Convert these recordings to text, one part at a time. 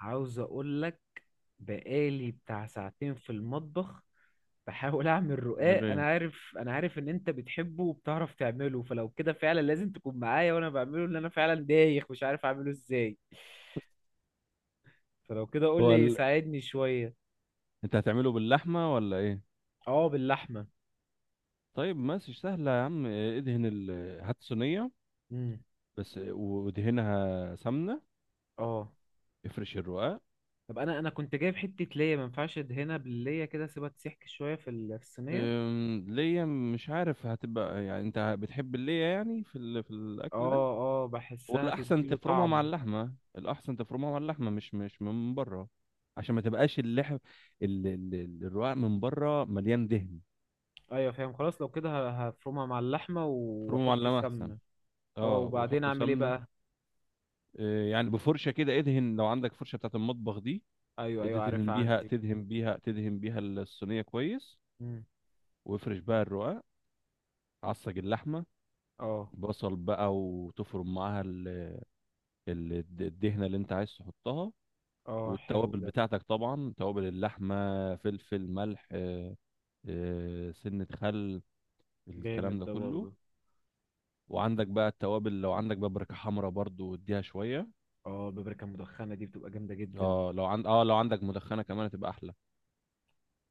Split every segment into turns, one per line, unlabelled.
عاوز اقول لك، بقالي بتاع ساعتين في المطبخ بحاول اعمل
أعمل
رقاق.
ايه؟
انا عارف ان انت بتحبه وبتعرف تعمله، فلو كده فعلا لازم تكون معايا وانا بعمله. ان انا فعلا دايخ مش عارف اعمله ازاي. فلو كده قول
هو
لي
ال...
ساعدني شوية.
انت هتعمله باللحمه ولا ايه؟
اه، باللحمة.
طيب ماشي سهله يا عم، ادهن هات صينيه،
امم
بس وادهنها سمنه.
اه.
افرش الرقاق.
طب انا كنت جايب حتة ليا، ما ينفعش ادهنها بالليا كده، اسيبها تسيح شوية في في الصينية.
ليا مش عارف هتبقى، يعني انت بتحب الليا يعني في في الاكل ده.
اه. اه، بحسها
ولا احسن
تديله
تفرمها مع
طعم.
اللحمه، الاحسن تفرمها مع اللحمه مش من بره، عشان ما تبقاش اللحم، الرقاق من بره مليان دهن.
ايوه فاهم، خلاص لو كده هفرمها مع اللحمة
تفرمه مع
واحط
اللحمه احسن.
سمنة. اه،
اه
وبعدين
وحط
اعمل ايه
سمنه.
بقى؟
يعني بفرشه كده، ادهن لو عندك فرشه بتاعت المطبخ دي.
ايوه ايوه،
تدهن
عارفها
بيها
عندي.
تدهن بيها تدهن بيها الصينيه كويس،
مم.
وافرش بقى الرقاق. عصج اللحمه،
اه.
بصل بقى وتفرم معاها الدهنه اللي انت عايز تحطها،
اه، حلو
والتوابل
ده.
بتاعتك طبعا، توابل اللحمه، فلفل ملح، سنه خل،
جامد
الكلام ده
ده
كله.
برضه.
وعندك بقى التوابل، لو عندك بابريكا حمرا برضو اديها شويه.
اه، البابريكا المدخنة دي بتبقى جامدة جدا.
اه، لو عندك مدخنه كمان هتبقى احلى.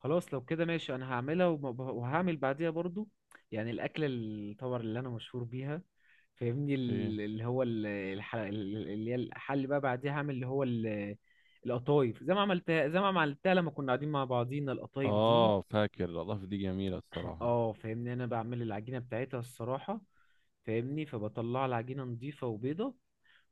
خلاص لو كده ماشي، انا هعملها وهعمل بعديها برضو. يعني الاكله طبعا اللي انا مشهور بيها. فاهمني،
ايه؟
ال- اللي هو ال- الح- اللي هي الحل بقى، بعديها هعمل القطايف. زي ما عملتها لما كنا قاعدين مع بعضينا، القطايف دي.
اه فاكر، الاضافه دي جميله الصراحه.
اه فاهمني، انا بعمل العجينه بتاعتها الصراحه. فاهمني، فبطلع العجينه نظيفه وبيضه.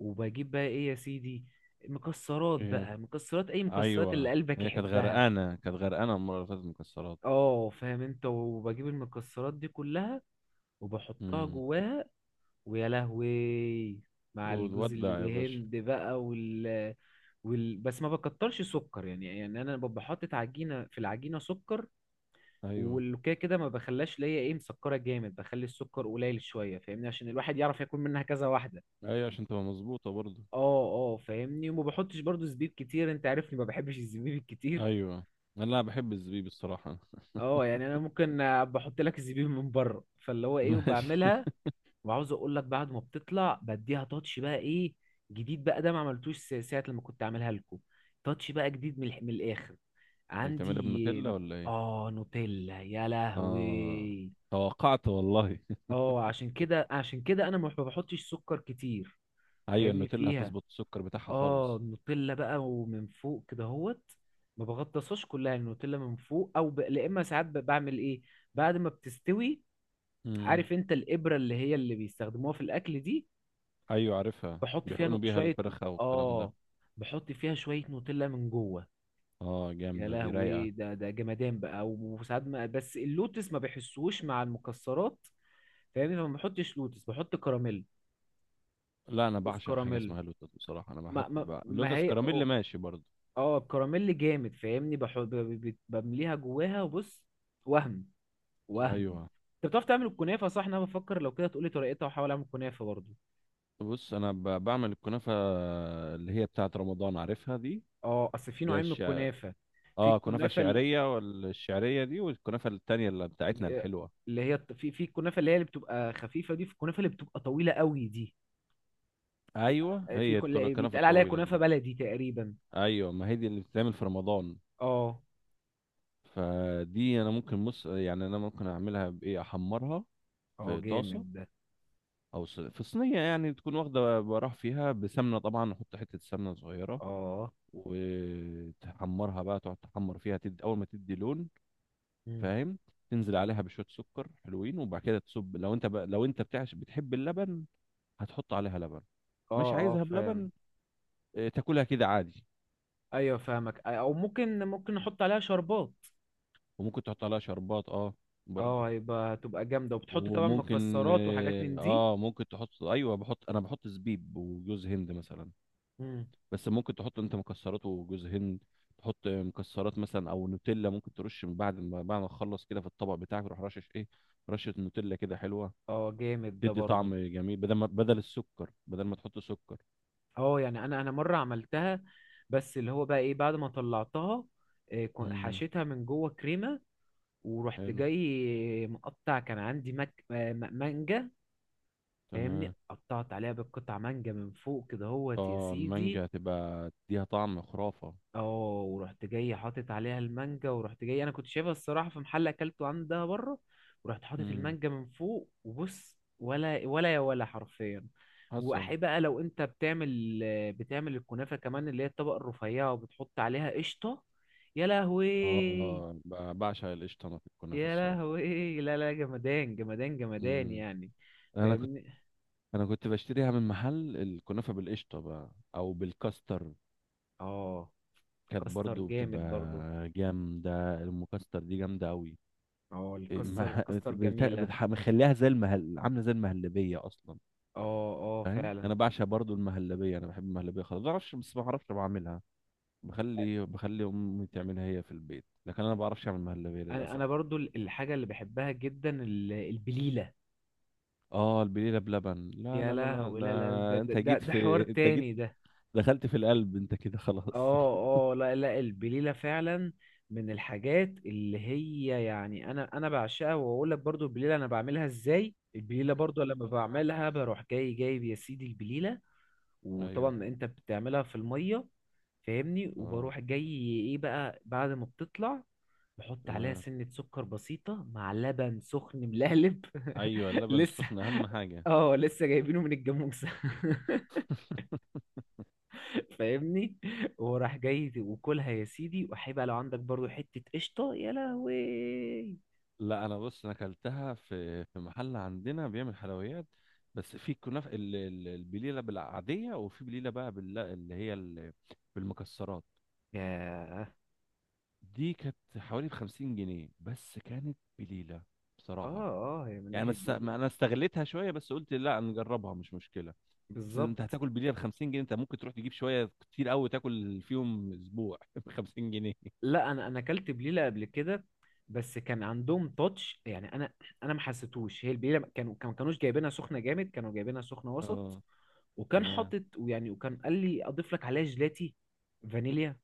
وبجيب بقى ايه يا سيدي، مكسرات
ايه؟
بقى، مكسرات، اي مكسرات اللي
ايوه،
قلبك
هي كانت
يحبها.
غرقانه، كانت غرقانه المره اللي فاتت مكسرات.
اه فاهم انت، وبجيب المكسرات دي كلها وبحطها
امم
جواها. ويا لهوي، مع الجوز
وتودع يا باشا.
الهند بقى بس ما بكترش سكر. يعني انا ببقى حاطط عجينه، في العجينه سكر.
ايوه،
والكده كده ما بخلاش ليا ايه، مسكره جامد، بخلي السكر قليل شويه. فاهمني، عشان الواحد يعرف ياكل منها كذا واحده.
ايوه، عشان تبقى مظبوطه برضو.
اه. اه فاهمني، وما بحطش برضو زبيب كتير، انت عارفني ما بحبش الزبيب الكتير.
ايوه. لا، انا بحب الزبيب الصراحه.
اه، يعني انا ممكن بحط لك الزبيب من بره، فاللي هو ايه
ماشي.
وبعملها. وعاوز اقول لك، بعد ما بتطلع بديها تاتش بقى ايه جديد بقى. ده ما عملتوش ساعة لما كنت عاملها لكم. تاتش بقى جديد من من الاخر
إيه، بتعملها بنوتيلا
عندي.
ولا ايه؟
اه نوتيلا، يا
اه
لهوي.
توقعت والله.
اه، عشان كده عشان كده انا ما بحطش سكر كتير.
ايوه،
فاهمني
النوتيلا
فيها.
هتظبط السكر بتاعها
اه،
خالص.
النوتيلا بقى ومن فوق كده هوت. ما بغطسهاش كلها النوتيلا من فوق، لا، اما ساعات بعمل ايه بعد ما بتستوي.
امم.
عارف انت الابره اللي هي اللي بيستخدموها في الاكل دي.
ايوه عارفها،
بحط فيها
بيحقنوا بيها
شويه.
الفرخه والكلام ده.
اه، بحط فيها شويه نوتيلا من جوه.
اه
يا
جامده دي، رايقه.
لهوي، ده جمدان بقى. وساعات ما، بس اللوتس ما بحسوش مع المكسرات. فاهمني، فما بحطش لوتس، بحط كراميل.
لا، انا
بص،
بعشق حاجه
كراميل.
اسمها لوتس بصراحه، انا
ما
حتى
ما ما
لوتس
هي.
كراميل ماشي برضه.
اه، الكراميل جامد، فاهمني، بمليها جواها وبص. وهم. وهم.
ايوه.
انت بتعرف تعمل الكنافه صح؟ انا بفكر لو كده تقولي طريقتها واحاول اعمل كنافه برضو.
بص، انا بعمل الكنافه اللي هي بتاعه رمضان، عارفها دي.
اه، اصل في
اللي هي
نوعين من
الشع...
الكنافه. في
اه كنافه
الكنافه
شعريه، والشعريه دي، والكنافه التانية اللي بتاعتنا الحلوه.
في الكنافه اللي هي اللي بتبقى خفيفه دي، في الكنافه اللي بتبقى طويله قوي دي. في
ايوه،
في
هي
كل
الكنافه
بيتقال عليها
الطويله
كنافه
دي.
بلدي تقريبا.
ايوه، ما هي دي اللي بتتعمل في رمضان.
اه.
فدي انا ممكن يعني انا ممكن اعملها بايه، احمرها
اه،
في
جامد
طاسه،
ده.
او في صينيه، يعني تكون واخده براح فيها، بسمنه طبعا، احط حته سمنه صغيره.
اه.
وتحمرها بقى، تقعد تحمر فيها، تدي اول ما تدي لون،
مم.
فاهم. تنزل عليها بشويه سكر حلوين، وبعد كده تصب، لو انت بتعش بتحب اللبن هتحط عليها لبن.
اه.
مش
اه
عايزها بلبن،
فاهم.
تاكلها كده عادي.
ايوه فاهمك، او ممكن نحط عليها شربات.
وممكن تحط عليها شربات، اه، برضو.
اه، هتبقى جامدة، وبتحط طبعا
وممكن
مكسرات وحاجات من دي.
ممكن تحط، ايوه بحط، انا بحط زبيب وجوز هند مثلا.
مم.
بس ممكن تحط انت مكسرات وجوز هند، تحط مكسرات مثلا، او نوتيلا ممكن ترش من بعد ما تخلص كده، في الطبق بتاعك تروح رشش ايه، رشة نوتيلا كده حلوة.
اه، جامد ده
تدي
برضو.
طعم جميل، بدل السكر، بدل ما تحط سكر.
اه، يعني انا مرة عملتها. بس اللي هو بقى ايه، بعد ما طلعتها
امم.
حشيتها من جوه كريمة. ورحت
حلو.
جاي مقطع، كان عندي مانجا. فاهمني،
تمام.
قطعت عليها بالقطع مانجا من فوق كده هوت يا
اه،
سيدي.
المانجا تبقى تديها طعم خرافة.
اه ورحت جاي حاطط عليها المانجا، ورحت جاي انا كنت شايفها الصراحه في محل اكلته عندها بره. ورحت حاطط
امم.
المانجا من فوق، وبص ولا ولا يا ولا حرفيا.
حسن.
واحب بقى لو انت بتعمل الكنافه كمان اللي هي الطبقه الرفيعه وبتحط عليها قشطه، يا لهوي.
اه، بعشق القشطة انا في الكنافة
يا
الصراحة.
لهوي، لا لا جمدان جمدان جمدان
امم.
يعني.
انا كنت
فاهمني.
انا كنت بشتريها من محل الكنافة بالقشطة بقى، او بالكاستر.
اه،
كانت
كاستر
برضو
جامد
بتبقى
برضو.
جامدة، المكسر دي جامدة أوي.
اه،
إيه،
الكستر
مه-
كستر جميله.
مخليها زي المهل، عاملة زي المهلبية أصلا.
اه اه
فاهم،
فعلا.
أنا بعشق برضو المهلبية، أنا بحب المهلبية خالص، ما بعرفش، بس ما بعرفش بعملها. بخلي أمي تعملها هي في البيت، لكن أنا ما بعرفش أعمل مهلبية
انا
للأسف.
انا برضو الحاجه اللي بحبها جدا البليله.
آه البليلة بلبن، لا
يا
لا لا لا،
لهوي
ده
لا لا لا،
أنت جيت
ده حوار
في أنت جيت،
تاني ده.
دخلت في القلب أنت كده، خلاص.
اه اه لا لا، البليله فعلا. من الحاجات اللي هي يعني انا بعشقها. واقول لك برضو، البليله انا بعملها ازاي؟ البليله برضو لما بعملها بروح جاي جايب يا سيدي البليله.
أيوه.
وطبعا انت بتعملها في الميه. فاهمني،
آه.
وبروح جاي ايه بقى بعد ما بتطلع، بحط عليها
تمام.
سنة سكر بسيطة مع لبن سخن ملهلب
أيوه، اللبن
لسه.
السخن أهم حاجة.
اه، لسه جايبينه من الجاموسة فاهمني، وراح جاي وكلها يا سيدي، وهيبقى لو عندك برضو حتة قشطة، يا لهوي.
لا، انا بص، انا اكلتها في محل عندنا بيعمل حلويات. بس في كنافه البليله بالعاديه، وفي بليله بقى بالمكسرات.
يا.
دي كانت حوالي ب 50 جنيه، بس كانت بليله
اه
بصراحه.
اه، هي من
يعني
ناحية
بس ما
دي
انا استغليتها شويه، بس قلت لا، نجربها مش مشكله. بس انت
بالظبط.
هتاكل بليله ب 50 جنيه؟ انت ممكن تروح تجيب شويه كتير قوي تاكل فيهم اسبوع ب 50 جنيه.
لا، انا اكلت بليله قبل كده، بس كان عندهم تاتش يعني. انا ما حسيتوش. هي البليله كانوا كانوش جايبينها سخنه جامد، كانوا جايبينها سخنه وسط.
اه
وكان
تمام.
حاطط ويعني، وكان قال لي اضيف لك عليها جيلاتي فانيليا.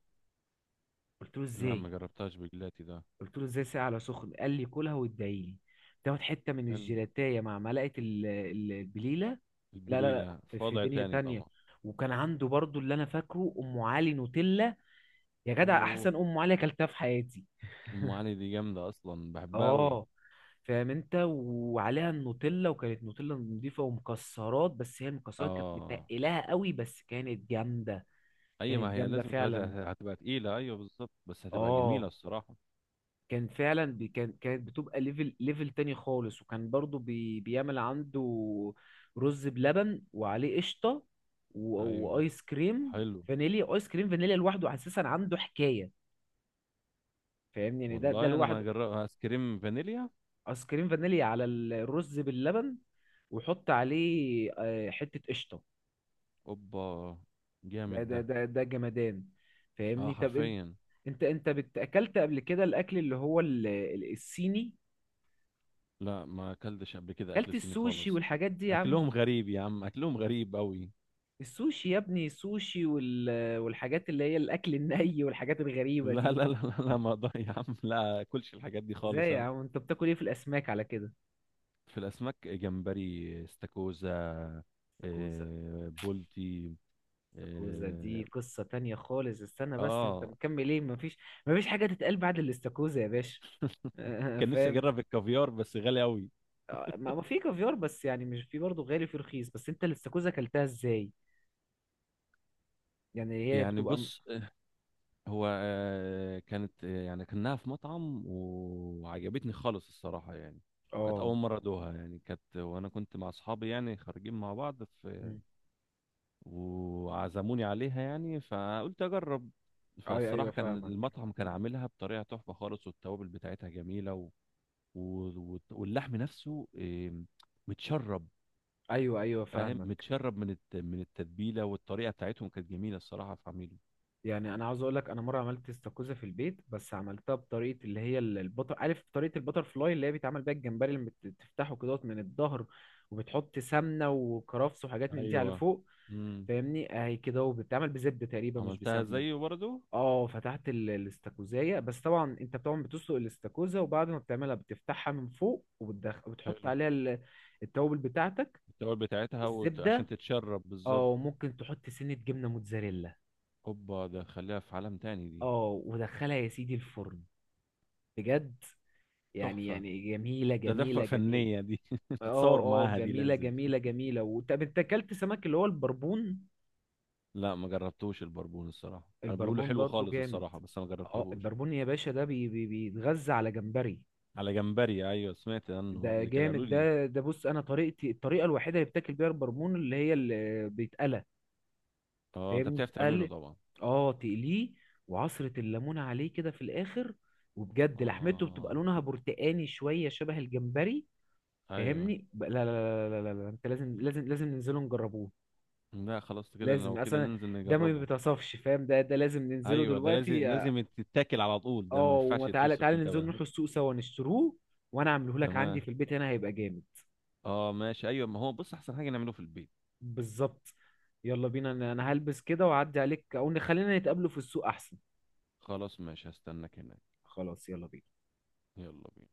قلت له
لا،
ازاي؟
ما جربتهاش بجلاتي ده.
قلت له ازاي ساقع على سخن؟ قال لي كلها وادعي لي. تاخد حته من
حلو.
الجيلاتيه مع ملعقه البليله. لا لا لا،
البليله
في
في
في
وضع
دنيا
تاني
تانية.
طبعا.
وكان عنده برضو، اللي انا فاكره، ام علي نوتيلا. يا جدع،
اوه.
احسن ام علي اكلتها في حياتي.
ام علي دي جامده اصلا، بحبها قوي.
اه فاهم انت، وعليها النوتيلا، وكانت نوتيلا نضيفه ومكسرات، بس هي المكسرات كانت
اه.
متقلاها قوي، بس كانت جامده.
اي، ما
كانت
هي
جامده
لازم تبقى،
فعلا.
هتبقى تقيله، ايوه بالظبط، بس هتبقى جميله
اه.
الصراحه.
كان فعلا بي كان كانت بتبقى ليفل تاني خالص. وكان برضو بي بيعمل عنده رز بلبن وعليه قشطه
ايوه.
وايس كريم
حلو.
فانيليا. ايس كريم فانيليا لوحده اساسا عنده حكايه. فاهمني، يعني ده
والله انا ما
لوحده.
جرب ايس كريم فانيليا.
ايس كريم فانيليا على الرز باللبن، وحط عليه حتة قشطة.
اوبا،
ده
جامد ده.
ده ده ده جمدان.
اه
فاهمني، طب انت،
حرفيا.
اكلت قبل كده الاكل اللي هو الصيني؟
لا، ما اكلتش قبل كده
اكلت
اكل صيني
السوشي
خالص.
والحاجات دي يا عم.
اكلهم غريب يا عم، اكلهم غريب قوي.
السوشي يا ابني، السوشي والحاجات اللي هي الاكل الني والحاجات الغريبة
لا
دي.
لا لا لا لا، ما اقدر يا عم، لا اكلش الحاجات دي
ازاي
خالص
يا
انا.
عم؟ انت بتاكل ايه في الاسماك على كده؟
في الاسماك جمبري، استاكوزا،
استاكوزا.
بولتي.
استاكوزا دي
اه
قصة تانية خالص، استنى بس انت
آه،
مكمل ايه؟ مفيش. مفيش حاجة تتقال بعد الاستاكوزا يا باشا
كان نفسي
فاهم.
اجرب الكافيار، بس غالي قوي.
ما ما في كافيار، بس يعني مش، في برضه غالي وفي رخيص. بس انت الاستاكوزا اكلتها ازاي؟ يعني هي
يعني
بتبقى
بص، هو كانت، يعني كانها في مطعم وعجبتني خالص الصراحة، يعني كانت
اه.
أول مرة أدوها، يعني كانت، وأنا كنت مع أصحابي يعني خارجين مع بعض في،
مم.
وعزموني عليها يعني فقلت أجرب.
اي
فالصراحة
ايوه،
كان
فاهمك.
المطعم كان عاملها بطريقة تحفة خالص، والتوابل بتاعتها جميلة، واللحم نفسه متشرب.
ايوه ايوه،
فاهم
فاهمك.
متشرب من من التتبيله، والطريقه بتاعتهم كانت جميله الصراحه في عميله.
يعني انا عاوز اقول لك، انا مره عملت استاكوزا في البيت بس عملتها بطريقه اللي هي البطر. عارف طريقه البتر فلاي اللي هي بيتعمل بيها الجمبري لما بتفتحه كده من الظهر. وبتحط سمنه وكرفس وحاجات من دي على
ايوه.
فوق.
امم.
فاهمني، اهي كده، وبتتعمل بزبده تقريبا مش
عملتها
بسمنه.
زيه برضه.
اه، فتحت الاستاكوزايه. بس طبعا انت طبعا بتسلق الاستاكوزا، وبعد ما بتعملها بتفتحها من فوق، وبتحط
حلو.
عليها التوابل بتاعتك
التوابل بتاعتها عشان
والزبده.
تتشرب بالظبط.
اه ممكن تحط سنه جبنه موتزاريلا.
اوبا، ده خليها في عالم تاني دي.
اه، ودخلها يا سيدي الفرن، بجد، يعني
تحفه.
يعني جميله
ده تحفه
جميله جميله.
فنيه دي.
اه
تتصور
اه،
معاها دي،
جميله
لازم.
جميله جميله. وطب انت اكلت سمك اللي هو البربون؟
لا ما جربتوش البربون الصراحه، انا بيقولوا
البربون
حلو
برضو
خالص
جامد.
الصراحه، بس انا ما
اه،
جربتهوش.
البربون يا باشا ده بيتغذى على جمبري.
على جمبري، ايوه سمعت عنه
ده
قبل كده قالوا
جامد،
لي.
ده بص، انا طريقتي الطريقه الوحيده اللي بتاكل بيها البرمون اللي هي اللي بيتقلى.
اه، انت
فاهمني
بتعرف تعمله
اتقل.
طبعا.
اه تقليه، وعصره الليمون عليه كده في الاخر. وبجد لحمته بتبقى
اه.
لونها برتقاني شويه شبه الجمبري.
ايوه.
فاهمني لا. لا لا لا لا, لا. انت لازم ننزله نجربوه.
لا خلاص، كده
لازم
لو كده
اصلا،
ننزل
ده ما
نجربه.
بيتصفش فاهم، ده لازم ننزله
ايوه، ده لازم،
دلوقتي.
لازم تتاكل على طول، ده ما
اه، وما
ينفعش
تعالى
يتوصف
تعالى
انت
ننزل
بقى.
نروح السوق سوا نشتروه. وانا اعمله لك عندي في
تمام.
البيت هنا، هيبقى جامد
اه ماشي، ايوه، ما هو بص احسن حاجه نعمله في البيت.
بالظبط. يلا بينا. انا هلبس كده واعدي عليك، او نخلينا نتقابلوا في السوق احسن.
خلاص ماشي، هستناك هناك.
خلاص، يلا بينا.
يلا بينا.